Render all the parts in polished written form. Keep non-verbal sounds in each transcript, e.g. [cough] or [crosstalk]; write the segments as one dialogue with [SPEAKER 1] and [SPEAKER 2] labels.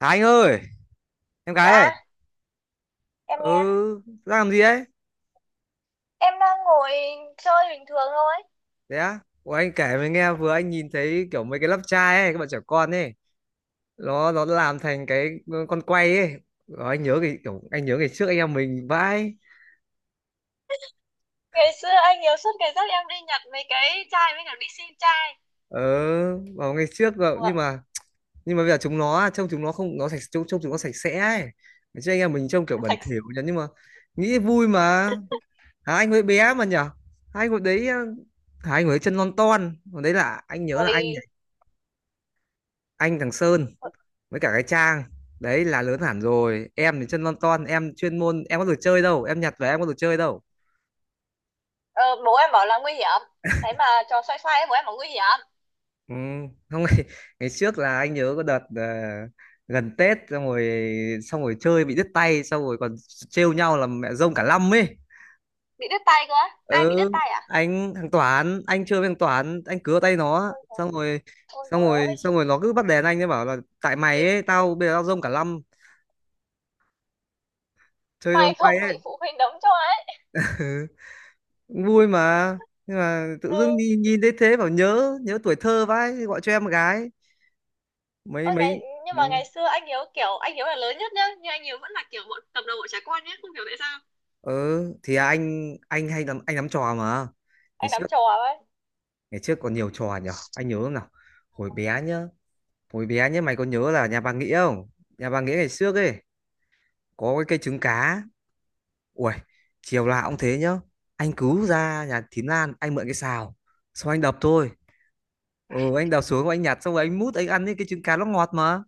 [SPEAKER 1] À anh ơi, em gái ơi.
[SPEAKER 2] Dạ, em
[SPEAKER 1] Ừ,
[SPEAKER 2] nghe.
[SPEAKER 1] đang làm gì ấy?
[SPEAKER 2] Em đang ngồi chơi bình thường thôi.
[SPEAKER 1] Thế á? Ủa, anh kể mới nghe, vừa anh nhìn thấy kiểu mấy cái lắp chai ấy, các bạn trẻ con ấy. Nó làm thành cái con quay ấy. Rồi anh nhớ cái kiểu, anh nhớ ngày trước anh em mình vãi.
[SPEAKER 2] Ngày xưa anh nhiều suốt ngày dắt em đi nhặt mấy cái chai với cả đi xin chai.
[SPEAKER 1] Ờ, vào ngày trước rồi, nhưng
[SPEAKER 2] Vâng.
[SPEAKER 1] mà nhưng mà bây giờ chúng nó trông, chúng nó không, nó sạch, trông chúng nó sạch sẽ ấy. Ngày trước anh em mình trông kiểu bẩn
[SPEAKER 2] Sạch.
[SPEAKER 1] thỉu nhỉ, nhưng mà nghĩ vui mà. Hả, anh hồi bé mà nhở? Anh hồi đấy hả? Anh hồi đấy chân non ton. Hồi đấy là anh nhớ là
[SPEAKER 2] Rồi
[SPEAKER 1] anh thằng Sơn với cả cái trang đấy là lớn hẳn rồi, em thì chân lon ton, em chuyên môn em có được chơi đâu, em nhặt về em có được chơi đâu.
[SPEAKER 2] ờ, bố em bảo là nguy hiểm. Thế mà trò xoay xoay ấy, bố em bảo nguy hiểm.
[SPEAKER 1] Ừ. Không, [laughs] ngày trước là anh nhớ có đợt gần Tết, xong rồi chơi bị đứt tay, xong rồi còn trêu nhau là mẹ rông cả năm ấy.
[SPEAKER 2] Bị đứt tay cơ. Á. Ai bị
[SPEAKER 1] Ừ,
[SPEAKER 2] đứt tay à?
[SPEAKER 1] anh thằng Toán, anh chơi với thằng Toán, anh cứa tay nó
[SPEAKER 2] Ôi rồi,
[SPEAKER 1] xong rồi
[SPEAKER 2] ôi
[SPEAKER 1] xong
[SPEAKER 2] rồi ôi.
[SPEAKER 1] rồi xong rồi
[SPEAKER 2] [laughs]
[SPEAKER 1] nó cứ bắt đèn anh, ấy bảo là tại mày ấy, tao bây giờ tao rông cả năm. Chơi cho con
[SPEAKER 2] May
[SPEAKER 1] quay
[SPEAKER 2] không
[SPEAKER 1] ấy.
[SPEAKER 2] bị phụ huynh đấm cho ấy.
[SPEAKER 1] [laughs] Vui mà. Nhưng mà tự
[SPEAKER 2] Ừ.
[SPEAKER 1] dưng đi nhìn thấy thế, bảo nhớ nhớ tuổi thơ vãi, gọi cho em một gái. mấy
[SPEAKER 2] Ôi, ngày,
[SPEAKER 1] mấy
[SPEAKER 2] nhưng
[SPEAKER 1] Ừ.
[SPEAKER 2] mà ngày xưa anh Hiếu kiểu anh Hiếu là lớn nhất nhá, nhưng anh Hiếu vẫn là kiểu bọn cầm đầu bọn trẻ con nhé, không hiểu tại sao
[SPEAKER 1] Ừ thì anh hay lắm, anh lắm trò mà. ngày
[SPEAKER 2] anh nắm
[SPEAKER 1] trước
[SPEAKER 2] trò ấy.
[SPEAKER 1] ngày trước còn nhiều trò nhở, anh nhớ không nào? Hồi bé nhá, hồi bé nhá, mày có nhớ là nhà bà Nghĩa không? Nhà bà Nghĩa ngày trước ấy có cái cây trứng cá. Ui, chiều là cũng thế nhá, anh cứ ra nhà Thím Lan anh mượn cái xào, xong anh đập thôi. Ừ, anh đập xuống, anh nhặt xong rồi anh mút anh ăn ấy, cái trứng cá nó ngọt mà.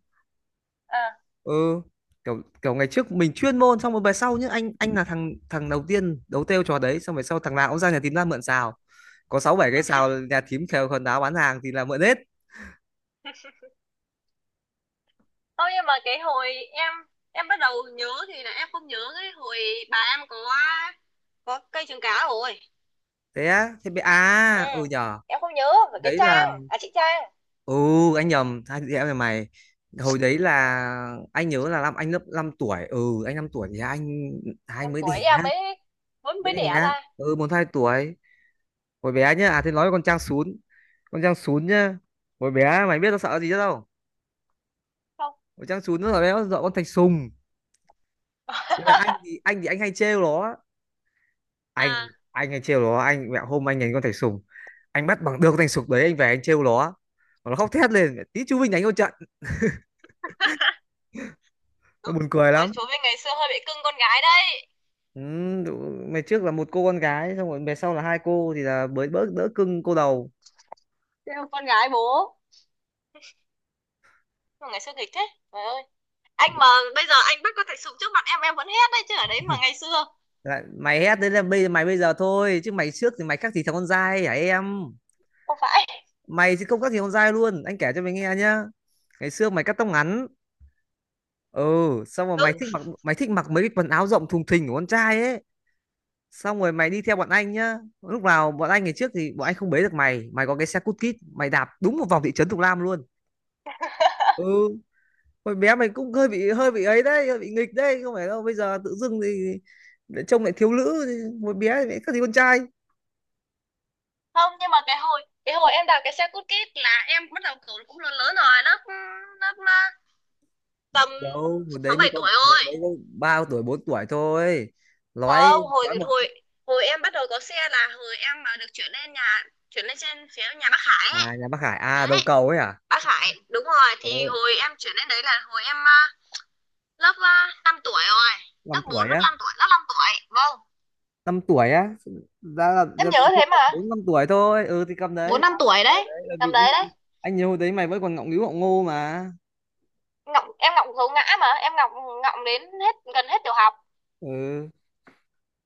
[SPEAKER 2] À
[SPEAKER 1] Ừ, kiểu kiểu ngày trước mình chuyên môn, xong rồi về sau nhá, anh là thằng thằng đầu tiên đấu têu trò đấy, xong về sau thằng nào cũng ra nhà thím ra mượn xào. Có sáu bảy cái xào nhà thím khều khần đáo bán hàng thì là mượn hết.
[SPEAKER 2] thôi, nhưng mà cái hồi em bắt đầu nhớ thì là em không nhớ cái hồi bà em có cây trứng cá rồi.
[SPEAKER 1] Thế á? Thế bị
[SPEAKER 2] Ừ,
[SPEAKER 1] à? Ừ nhở.
[SPEAKER 2] em không nhớ về cái
[SPEAKER 1] Đấy là,
[SPEAKER 2] Trang, à chị Trang.
[SPEAKER 1] ừ, anh nhầm hai chị em nhà mày. Hồi đấy
[SPEAKER 2] Ừ,
[SPEAKER 1] là anh nhớ là năm anh lớp 5 tuổi. Ừ, anh 5 tuổi thì anh hai
[SPEAKER 2] em
[SPEAKER 1] mới đẻ.
[SPEAKER 2] tuổi em mới mới
[SPEAKER 1] Mới
[SPEAKER 2] mới
[SPEAKER 1] đẻ.
[SPEAKER 2] đẻ ra.
[SPEAKER 1] Ừ, một hai tuổi. Hồi bé nhá. À, thế nói con Trang Sún, con Trang Sún nhá, hồi bé mày biết nó sợ gì chứ đâu.
[SPEAKER 2] Không.
[SPEAKER 1] Con Trang Sún nó là béo dọa con Thạch Sùng. Thế là anh
[SPEAKER 2] [laughs]
[SPEAKER 1] thì anh thì anh hay trêu nó, anh
[SPEAKER 2] À,
[SPEAKER 1] anh hay trêu nó. Anh, mẹ, hôm anh đánh con Thạch Sùng, anh bắt bằng được con Thạch Sùng đấy, anh về anh trêu nó khóc thét lên, tí chú Vinh đánh con trận. Nó buồn cười
[SPEAKER 2] ôi
[SPEAKER 1] lắm.
[SPEAKER 2] chú với ngày xưa hơi bị cưng con gái đấy.
[SPEAKER 1] Ừ, mày trước là một cô con gái, xong rồi mày sau là hai cô thì là mới bớt, đỡ cưng cô đầu.
[SPEAKER 2] Thế em con gái bố. Mà ngày xưa nghịch thế. Trời ơi. Anh mà bây giờ anh bắt có thể sụp trước mặt em vẫn hét đấy chứ, ở đấy mà ngày xưa.
[SPEAKER 1] Lại, mày hét đấy là bây giờ, mày bây giờ thôi, chứ mày trước thì mày khác gì thằng con dai hả em?
[SPEAKER 2] Không phải.
[SPEAKER 1] Mày thì không khác gì con dai luôn, anh kể cho mày nghe nhá. Ngày xưa mày cắt tóc ngắn, ừ, xong rồi mày
[SPEAKER 2] Đúng
[SPEAKER 1] thích mặc mày thích mặc mấy cái quần áo rộng thùng thình của con trai ấy, xong rồi mày đi theo bọn anh nhá. Lúc nào bọn anh, ngày trước thì bọn anh không bế được mày, mày có cái xe cút kít mày đạp đúng một vòng thị trấn Thục Lam luôn. Ừ, hồi bé mày cũng hơi bị ấy đấy, hơi bị nghịch đấy, không phải đâu bây giờ tự dưng thì lại trông lại thiếu nữ thì hồi bé thì lại các thì con trai.
[SPEAKER 2] không, nhưng mà cái hồi em đạp cái xe cút kít là em bắt đầu kiểu cũng lớn lớn rồi, lớp lớp à, tầm
[SPEAKER 1] Đâu, hồi đấy
[SPEAKER 2] sáu
[SPEAKER 1] mới
[SPEAKER 2] bảy
[SPEAKER 1] có
[SPEAKER 2] tuổi
[SPEAKER 1] hồi
[SPEAKER 2] rồi.
[SPEAKER 1] đấy mới ba tuổi bốn tuổi thôi. nói
[SPEAKER 2] Không, hồi
[SPEAKER 1] nói một.
[SPEAKER 2] hồi hồi em bắt đầu có xe là hồi em mà được chuyển lên nhà, chuyển lên trên phía nhà bác Khải ấy.
[SPEAKER 1] À, nhà bác Hải à, đầu
[SPEAKER 2] Đấy,
[SPEAKER 1] cầu ấy à?
[SPEAKER 2] bác Khải đúng rồi, thì
[SPEAKER 1] Ồ,
[SPEAKER 2] hồi em chuyển lên đấy là hồi em à, lớp 5 tuổi rồi,
[SPEAKER 1] năm
[SPEAKER 2] lớp
[SPEAKER 1] tuổi
[SPEAKER 2] 4 lớp
[SPEAKER 1] á?
[SPEAKER 2] 5 tuổi, lớp 5 tuổi, vâng.
[SPEAKER 1] Năm tuổi á? Ra là
[SPEAKER 2] Em
[SPEAKER 1] ra thì
[SPEAKER 2] nhớ
[SPEAKER 1] không
[SPEAKER 2] thế
[SPEAKER 1] được,
[SPEAKER 2] mà,
[SPEAKER 1] bốn năm tuổi thôi. Ừ thì cầm đấy
[SPEAKER 2] bốn năm
[SPEAKER 1] ba năm
[SPEAKER 2] tuổi
[SPEAKER 1] tuổi
[SPEAKER 2] đấy,
[SPEAKER 1] đấy, bởi vì
[SPEAKER 2] tầm
[SPEAKER 1] anh
[SPEAKER 2] đấy đấy.
[SPEAKER 1] anh nhớ hồi đấy mày vẫn còn ngọng nghíu ngọng ngô mà.
[SPEAKER 2] Ngọng, em ngọng gấu ngã mà, em ngọng, ngọng đến hết gần hết tiểu học.
[SPEAKER 1] Ừ,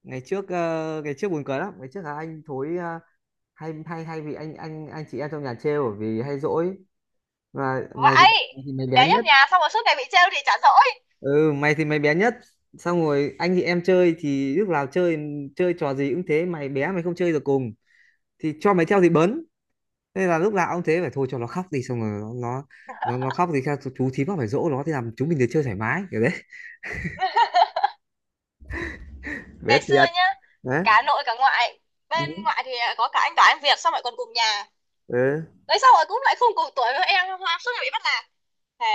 [SPEAKER 1] ngày trước, ngày trước buồn cười lắm, ngày trước là anh thối, hay hay hay vì anh chị em trong nhà trêu bởi vì hay dỗi mà. mày thì
[SPEAKER 2] Vãi,
[SPEAKER 1] mày thì mày bé
[SPEAKER 2] bé nhất
[SPEAKER 1] nhất.
[SPEAKER 2] nhà xong rồi suốt ngày bị trêu thì chả dỗi.
[SPEAKER 1] Ừ, mày thì mày bé nhất, xong rồi anh thì em chơi thì lúc nào chơi chơi trò gì cũng thế, mày bé mày không chơi được cùng thì cho mày theo thì bấn, nên là lúc nào ông thế phải thôi cho nó khóc đi, xong rồi nó khóc thì sao chú thím nó phải dỗ nó, thì làm chúng mình được chơi thoải mái kiểu đấy
[SPEAKER 2] Ngày
[SPEAKER 1] biết
[SPEAKER 2] xưa
[SPEAKER 1] thiệt
[SPEAKER 2] nhá,
[SPEAKER 1] đấy.
[SPEAKER 2] cả nội cả ngoại. Bên
[SPEAKER 1] Ừ.
[SPEAKER 2] ngoại thì có cả anh Toán anh Việt xong rồi còn cùng nhà.
[SPEAKER 1] Ừ,
[SPEAKER 2] Đấy xong rồi cũng lại không cùng tuổi với em, suốt ngày bị bắt nạt. Thề,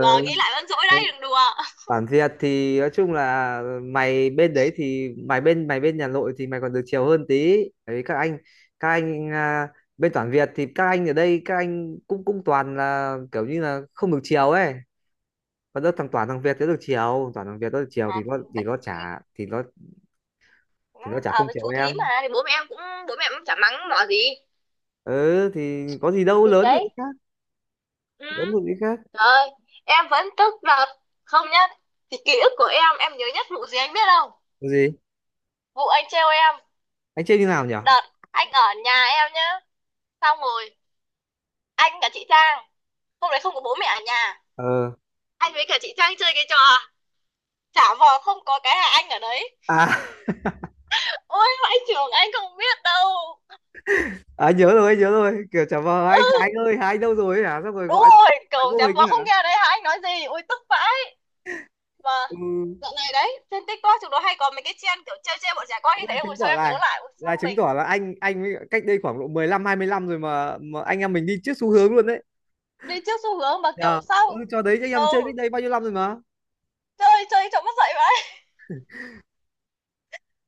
[SPEAKER 2] giờ nghĩ lại vẫn dỗi đấy, đừng đùa.
[SPEAKER 1] Bản Việt thì nói chung là mày bên đấy thì mày bên nhà nội thì mày còn được chiều hơn tí. Tại vì các anh bên toàn Việt thì các anh ở đây các anh cũng cũng toàn là kiểu như là không được chiều ấy, còn đâu thằng, toàn thằng Việt thì nó được chiều, toàn thằng Việt nó được chiều
[SPEAKER 2] À,
[SPEAKER 1] thì nó chả thì nó, thì nó
[SPEAKER 2] nó
[SPEAKER 1] chả
[SPEAKER 2] ở
[SPEAKER 1] không
[SPEAKER 2] với
[SPEAKER 1] chiều
[SPEAKER 2] chú thím mà
[SPEAKER 1] em.
[SPEAKER 2] thì bố mẹ em cũng bố mẹ em cũng chả mắng mỏ gì.
[SPEAKER 1] Ừ, thì có gì đâu,
[SPEAKER 2] Thì
[SPEAKER 1] lớn rồi
[SPEAKER 2] đấy.
[SPEAKER 1] cái khác,
[SPEAKER 2] Ừ.
[SPEAKER 1] lớn rồi cái khác.
[SPEAKER 2] Rồi, em vẫn tức đợt không nhá. Thì ký ức của em nhớ nhất vụ gì anh biết không?
[SPEAKER 1] Có gì?
[SPEAKER 2] Vụ anh trêu em
[SPEAKER 1] Anh chơi như nào nhỉ?
[SPEAKER 2] đợt anh ở nhà em nhá. Xong rồi anh cả chị Trang hôm đấy không có bố mẹ ở nhà,
[SPEAKER 1] ờ
[SPEAKER 2] anh với cả chị Trang chơi cái trò trả vò không có cái là anh ở đấy.
[SPEAKER 1] À,
[SPEAKER 2] Ôi vãi trường, anh không biết đâu.
[SPEAKER 1] [laughs] à nhớ rồi, anh nhớ rồi, kiểu chả vờ anh
[SPEAKER 2] Ừ,
[SPEAKER 1] Khánh ơi, Khánh đâu rồi ấy hả, xong rồi
[SPEAKER 2] đúng
[SPEAKER 1] gọi
[SPEAKER 2] rồi,
[SPEAKER 1] máy
[SPEAKER 2] cầu
[SPEAKER 1] vô
[SPEAKER 2] trả
[SPEAKER 1] hình ấy
[SPEAKER 2] vò
[SPEAKER 1] hả.
[SPEAKER 2] không nghe đấy hả, anh nói gì, ôi tức vãi. Mà
[SPEAKER 1] Ừ,
[SPEAKER 2] dạo này đấy trên TikTok chúng nó hay có mấy cái trend kiểu chơi chơi bọn trẻ con như
[SPEAKER 1] thế
[SPEAKER 2] thế,
[SPEAKER 1] là
[SPEAKER 2] rồi
[SPEAKER 1] chứng
[SPEAKER 2] sau
[SPEAKER 1] tỏ
[SPEAKER 2] em nhớ
[SPEAKER 1] là
[SPEAKER 2] lại ôi
[SPEAKER 1] là
[SPEAKER 2] sao
[SPEAKER 1] chứng
[SPEAKER 2] mình
[SPEAKER 1] tỏ là anh mới cách đây khoảng độ 15-20 năm rồi mà anh em mình đi trước xu hướng luôn đấy.
[SPEAKER 2] đi trước xu hướng mà kiểu
[SPEAKER 1] Nhờ. Ừ,
[SPEAKER 2] sao.
[SPEAKER 1] cho đấy anh
[SPEAKER 2] Ừ,
[SPEAKER 1] em chơi cách đây bao nhiêu năm rồi mà.
[SPEAKER 2] chơi chơi cho mất dậy vậy.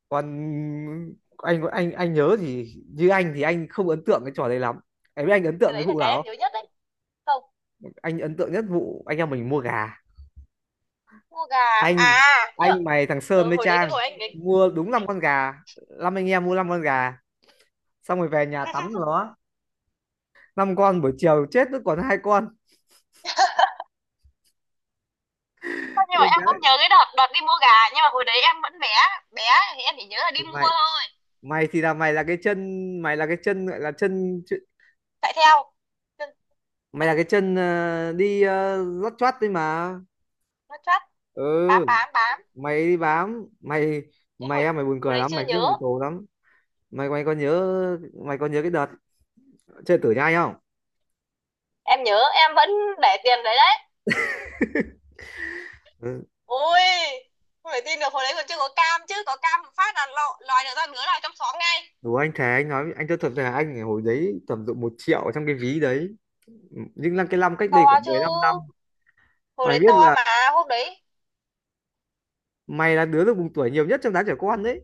[SPEAKER 1] Còn anh, anh nhớ thì như anh thì anh không ấn tượng cái trò đấy lắm. Em biết anh ấn tượng
[SPEAKER 2] Cái
[SPEAKER 1] cái
[SPEAKER 2] đấy là
[SPEAKER 1] vụ
[SPEAKER 2] cái
[SPEAKER 1] nào
[SPEAKER 2] em
[SPEAKER 1] không?
[SPEAKER 2] nhớ nhất đấy. Không.
[SPEAKER 1] Anh ấn tượng nhất vụ anh em mình mua gà.
[SPEAKER 2] Mua gà.
[SPEAKER 1] anh
[SPEAKER 2] À nhớ.
[SPEAKER 1] anh mày, thằng Sơn
[SPEAKER 2] Ừ,
[SPEAKER 1] với
[SPEAKER 2] hồi đấy cái
[SPEAKER 1] Trang,
[SPEAKER 2] hồi anh cái.
[SPEAKER 1] mua đúng 5 con gà, năm anh em mua 5 con gà, xong rồi về nhà tắm nó, năm con buổi chiều chết nó còn hai con.
[SPEAKER 2] Thôi nhưng mà
[SPEAKER 1] Ôi
[SPEAKER 2] em
[SPEAKER 1] bé
[SPEAKER 2] không nhớ cái đợt đợt đi mua gà, nhưng mà hồi đấy em vẫn bé, bé thì em chỉ nhớ là
[SPEAKER 1] thì
[SPEAKER 2] đi mua
[SPEAKER 1] mày
[SPEAKER 2] thôi.
[SPEAKER 1] mày thì là mày là cái chân gọi là chân chứ-
[SPEAKER 2] Chạy theo. Chân
[SPEAKER 1] mày là cái chân đi lót choát đấy mà.
[SPEAKER 2] nó chắc, bám
[SPEAKER 1] Ừ,
[SPEAKER 2] bám bám.
[SPEAKER 1] mày đi bám mày,
[SPEAKER 2] Chứ
[SPEAKER 1] mày
[SPEAKER 2] hồi
[SPEAKER 1] em mày buồn
[SPEAKER 2] hồi
[SPEAKER 1] cười
[SPEAKER 2] đấy
[SPEAKER 1] lắm, mày
[SPEAKER 2] chưa nhớ.
[SPEAKER 1] tiếc mày tù lắm. Mày mày có nhớ mày có nhớ cái đợt chơi tử nhai không?
[SPEAKER 2] Em nhớ em vẫn để tiền đấy đấy.
[SPEAKER 1] Ừ.
[SPEAKER 2] Ôi không thể tin được, hồi đấy còn chưa có cam, chứ có cam một phát là lọ lòi được ra nửa lòi trong xóm ngay.
[SPEAKER 1] Đúng, anh Thế, anh nói anh tôi thật là anh hồi đấy tầm độ 1 triệu trong cái ví đấy, nhưng là cái năm cách
[SPEAKER 2] To
[SPEAKER 1] đây khoảng
[SPEAKER 2] chứ,
[SPEAKER 1] 15 năm,
[SPEAKER 2] hồi
[SPEAKER 1] mày
[SPEAKER 2] đấy
[SPEAKER 1] biết
[SPEAKER 2] to
[SPEAKER 1] là
[SPEAKER 2] mà. Hôm đấy
[SPEAKER 1] mày là đứa được mùng tuổi nhiều nhất trong đám trẻ con đấy.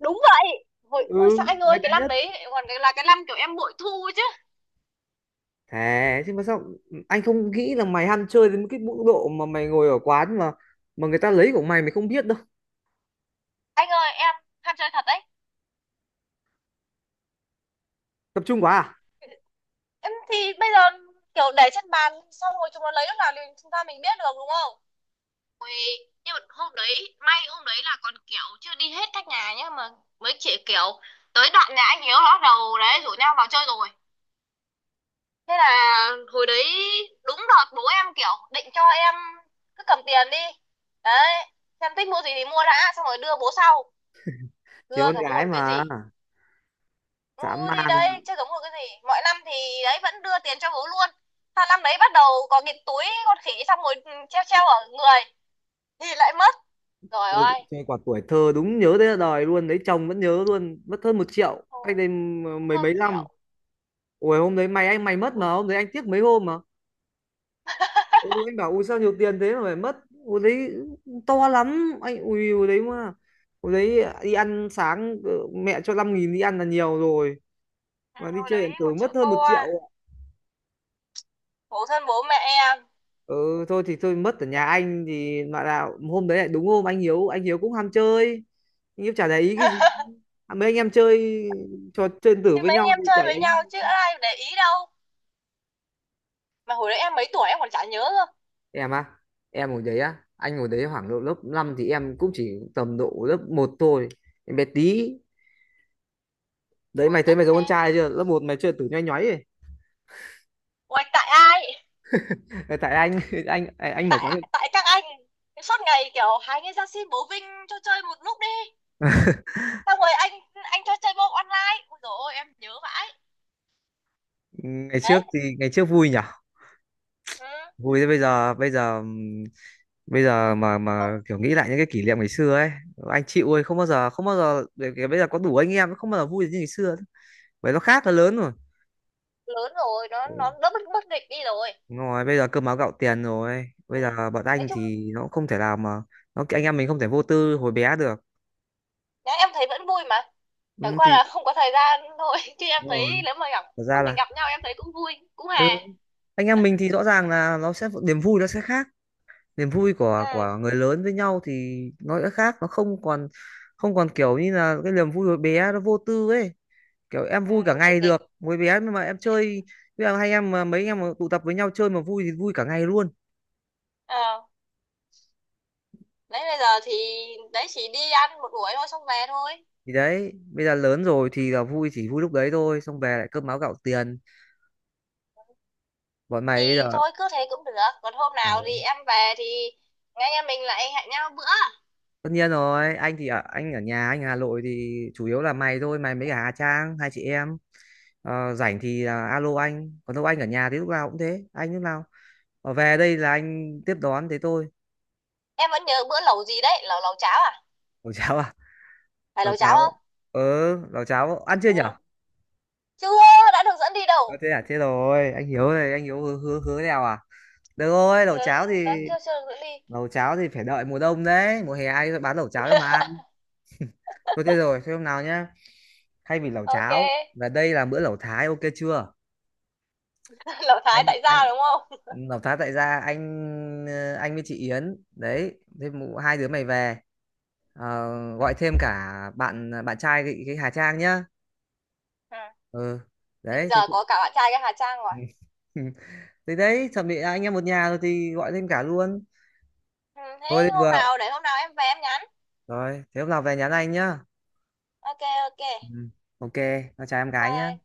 [SPEAKER 2] đúng vậy, hồi
[SPEAKER 1] Ừ,
[SPEAKER 2] ôi sao anh
[SPEAKER 1] mày
[SPEAKER 2] ơi,
[SPEAKER 1] bé
[SPEAKER 2] cái lăn
[SPEAKER 1] nhất,
[SPEAKER 2] đấy còn cái là cái lăn kiểu em bội thu chứ.
[SPEAKER 1] thế chứ mà sao anh không nghĩ là mày ham chơi đến cái mức độ mà mày ngồi ở quán mà người ta lấy của mày mày không biết đâu.
[SPEAKER 2] Anh ơi em ham chơi thật đấy.
[SPEAKER 1] Tập trung quá à?
[SPEAKER 2] Em thì bây giờ kiểu để trên bàn xong rồi chúng nó lấy lúc nào thì chúng ta mình biết được đúng không? Ui, nhưng mà hôm đấy may, hôm đấy là còn kiểu chưa đi hết các nhà nhá mà mấy chị kiểu tới đoạn nhà anh Hiếu nó bắt đầu đấy rủ nhau vào chơi rồi. Thế là hồi đấy đúng đợt bố em kiểu định cho em cứ cầm tiền đi đấy, em thích mua gì thì mua đã xong rồi đưa bố sau,
[SPEAKER 1] Chỉ
[SPEAKER 2] đưa
[SPEAKER 1] con
[SPEAKER 2] cả mua
[SPEAKER 1] gái
[SPEAKER 2] được cái gì.
[SPEAKER 1] mà
[SPEAKER 2] Ừ
[SPEAKER 1] dã
[SPEAKER 2] thì
[SPEAKER 1] man mà.
[SPEAKER 2] đấy, chứ giống một cái gì. Mọi năm thì đấy vẫn đưa tiền cho bố luôn. Sang năm đấy bắt đầu có cái túi con khỉ xong rồi treo treo ở người. Thì lại mất. Rồi
[SPEAKER 1] chơi,
[SPEAKER 2] ơi.
[SPEAKER 1] chơi quả tuổi thơ đúng nhớ tới đời luôn đấy, chồng vẫn nhớ luôn, mất hơn 1 triệu cách
[SPEAKER 2] Ồ,
[SPEAKER 1] đây
[SPEAKER 2] mất
[SPEAKER 1] mấy
[SPEAKER 2] hơn
[SPEAKER 1] mấy
[SPEAKER 2] một
[SPEAKER 1] năm.
[SPEAKER 2] triệu.
[SPEAKER 1] Ủa hôm đấy mày, anh mày mất
[SPEAKER 2] Ui,
[SPEAKER 1] mà hôm đấy anh tiếc mấy hôm mà. Ừ, anh bảo ui sao nhiều tiền thế mà phải mất. Hồi đấy to lắm anh ui, hồi đấy mà, hồi đấy đi ăn sáng mẹ cho 5.000 đi ăn là nhiều rồi, mà
[SPEAKER 2] à,
[SPEAKER 1] đi
[SPEAKER 2] hồi
[SPEAKER 1] chơi điện
[SPEAKER 2] đấy một
[SPEAKER 1] tử
[SPEAKER 2] triệu
[SPEAKER 1] mất hơn
[SPEAKER 2] tô
[SPEAKER 1] 1 triệu
[SPEAKER 2] à.
[SPEAKER 1] ạ.
[SPEAKER 2] Khổ thân bố mẹ em.
[SPEAKER 1] Ừ thôi, thì thôi, mất ở nhà anh thì, mà là hôm đấy lại đúng hôm anh Hiếu cũng ham chơi, anh Hiếu chả để ý cái gì.
[SPEAKER 2] [laughs]
[SPEAKER 1] À, mấy anh em chơi trò chơi điện tử
[SPEAKER 2] Thì
[SPEAKER 1] với
[SPEAKER 2] mấy anh
[SPEAKER 1] nhau
[SPEAKER 2] em
[SPEAKER 1] thì chả
[SPEAKER 2] chơi
[SPEAKER 1] để
[SPEAKER 2] với
[SPEAKER 1] ý.
[SPEAKER 2] nhau chứ ai để ý đâu. Mà hồi đấy em mấy tuổi em còn chả nhớ cơ.
[SPEAKER 1] Em à, em hồi đấy á, anh hồi đấy khoảng độ lớp 5 thì em cũng chỉ tầm độ lớp một thôi, em bé tí. Đấy,
[SPEAKER 2] Hồi
[SPEAKER 1] mày thấy
[SPEAKER 2] tức
[SPEAKER 1] mày có con
[SPEAKER 2] thế.
[SPEAKER 1] trai chưa lớp một mày chưa tử nhoay nhoáy ấy.
[SPEAKER 2] Ui, tại ai?
[SPEAKER 1] Tại anh. [laughs] anh mở quán.
[SPEAKER 2] Tại tại các anh. Suốt ngày kiểu hai người ra xin bố Vinh cho chơi một lúc đi. Xong rồi anh cho chơi môn online, ôi dồi ôi em nhớ vãi
[SPEAKER 1] Ngày
[SPEAKER 2] đấy.
[SPEAKER 1] trước thì ngày trước vui nhở,
[SPEAKER 2] Ừ.
[SPEAKER 1] vui thế. Bây giờ, bây giờ mà
[SPEAKER 2] Không,
[SPEAKER 1] mà kiểu nghĩ lại những cái kỷ niệm ngày xưa ấy, anh chịu ơi, không bao giờ, không bao giờ để bây giờ có đủ anh em không bao giờ vui như ngày xưa, bởi nó khác, nó lớn rồi.
[SPEAKER 2] lớn rồi nó đỡ bất bất định đi rồi.
[SPEAKER 1] Đúng rồi, bây giờ cơm áo gạo tiền rồi, bây
[SPEAKER 2] Ừ.
[SPEAKER 1] giờ bọn
[SPEAKER 2] Nói
[SPEAKER 1] anh
[SPEAKER 2] chung
[SPEAKER 1] thì nó không thể nào mà nó, anh em mình không thể vô tư hồi bé được.
[SPEAKER 2] nhá, em thấy vẫn vui mà, chẳng
[SPEAKER 1] Ừ,
[SPEAKER 2] qua
[SPEAKER 1] thì
[SPEAKER 2] là không có thời gian thôi. [laughs] Chứ em
[SPEAKER 1] đúng
[SPEAKER 2] thấy
[SPEAKER 1] rồi,
[SPEAKER 2] nếu mà gặp,
[SPEAKER 1] thật ra
[SPEAKER 2] lúc mình
[SPEAKER 1] là.
[SPEAKER 2] gặp nhau em thấy cũng vui cũng
[SPEAKER 1] Ừ,
[SPEAKER 2] hè.
[SPEAKER 1] anh em mình thì rõ ràng là nó sẽ, niềm vui nó sẽ khác, niềm vui của
[SPEAKER 2] Ừ,
[SPEAKER 1] của người lớn với nhau thì nó đã khác, nó không còn kiểu như là cái niềm vui hồi bé nó vô tư ấy. Kiểu em
[SPEAKER 2] ừ
[SPEAKER 1] vui cả
[SPEAKER 2] cũng nghịch
[SPEAKER 1] ngày
[SPEAKER 2] kịch.
[SPEAKER 1] được hồi bé nhưng mà em chơi. Bây giờ hai em mà mấy em mà tụ tập với nhau chơi mà vui thì vui cả ngày luôn.
[SPEAKER 2] Ờ, đấy bây giờ thì đấy chỉ đi ăn một buổi thôi xong về thôi.
[SPEAKER 1] Thì đấy, bây giờ lớn rồi thì là vui chỉ vui lúc đấy thôi, xong về lại cơm áo gạo tiền. Bọn
[SPEAKER 2] Thì
[SPEAKER 1] mày bây giờ.
[SPEAKER 2] thôi cứ thế cũng được, còn hôm
[SPEAKER 1] Ờ,
[SPEAKER 2] nào thì em về thì anh em mình lại hẹn nhau bữa.
[SPEAKER 1] tất nhiên rồi, anh thì ở, anh ở nhà anh ở Hà Nội thì chủ yếu là mày thôi, mày mấy cả Hà Trang hai chị em. Ờ, rảnh thì là alo anh, còn đâu anh ở nhà thì lúc nào cũng thế, anh lúc nào. Ờ, về đây là anh tiếp đón thế thôi.
[SPEAKER 2] Em vẫn nhớ bữa lẩu gì đấy, lẩu lẩu cháo à,
[SPEAKER 1] Lẩu cháo à?
[SPEAKER 2] phải
[SPEAKER 1] Lẩu
[SPEAKER 2] lẩu cháo
[SPEAKER 1] cháo.
[SPEAKER 2] không.
[SPEAKER 1] Ừ, lẩu cháo ăn chưa nhở?
[SPEAKER 2] Ừ chưa, đã được dẫn đi
[SPEAKER 1] Ờ,
[SPEAKER 2] đâu.
[SPEAKER 1] thế à, thế rồi anh Hiếu này, anh Hiếu hứa, hứa hứa đèo à? Được rồi, lẩu cháo
[SPEAKER 2] Đã ừ,
[SPEAKER 1] thì
[SPEAKER 2] chưa, chưa được dẫn đi.
[SPEAKER 1] lẩu cháo thì phải đợi mùa đông đấy, mùa hè ai bán lẩu cháo cho mà ăn. Thôi thế rồi thế hôm nào nhá, thay vì lẩu
[SPEAKER 2] OK.
[SPEAKER 1] cháo và đây là bữa lẩu Thái, ok chưa?
[SPEAKER 2] [laughs] Lão Thái
[SPEAKER 1] anh
[SPEAKER 2] tại
[SPEAKER 1] anh
[SPEAKER 2] gia đúng không.
[SPEAKER 1] lẩu Thái tại gia, anh với chị Yến đấy, thế hai đứa mày về. Ờ, gọi thêm cả bạn bạn trai cái Hà Trang nhá.
[SPEAKER 2] Ừ.
[SPEAKER 1] Ừ.
[SPEAKER 2] Thế
[SPEAKER 1] Đấy
[SPEAKER 2] giờ
[SPEAKER 1] thế thì
[SPEAKER 2] có cả bạn trai cái Hà Trang rồi.
[SPEAKER 1] [laughs] thế đấy, chuẩn bị anh em một nhà rồi thì gọi thêm cả luôn.
[SPEAKER 2] Ừ,
[SPEAKER 1] Thôi
[SPEAKER 2] thế
[SPEAKER 1] thế
[SPEAKER 2] hôm
[SPEAKER 1] vừa
[SPEAKER 2] nào để hôm nào em về em nhắn.
[SPEAKER 1] rồi thế hôm nào về nhắn anh nhá.
[SPEAKER 2] OK. OK.
[SPEAKER 1] Ừ. Ok. Nó chào em gái nhá.
[SPEAKER 2] Bye.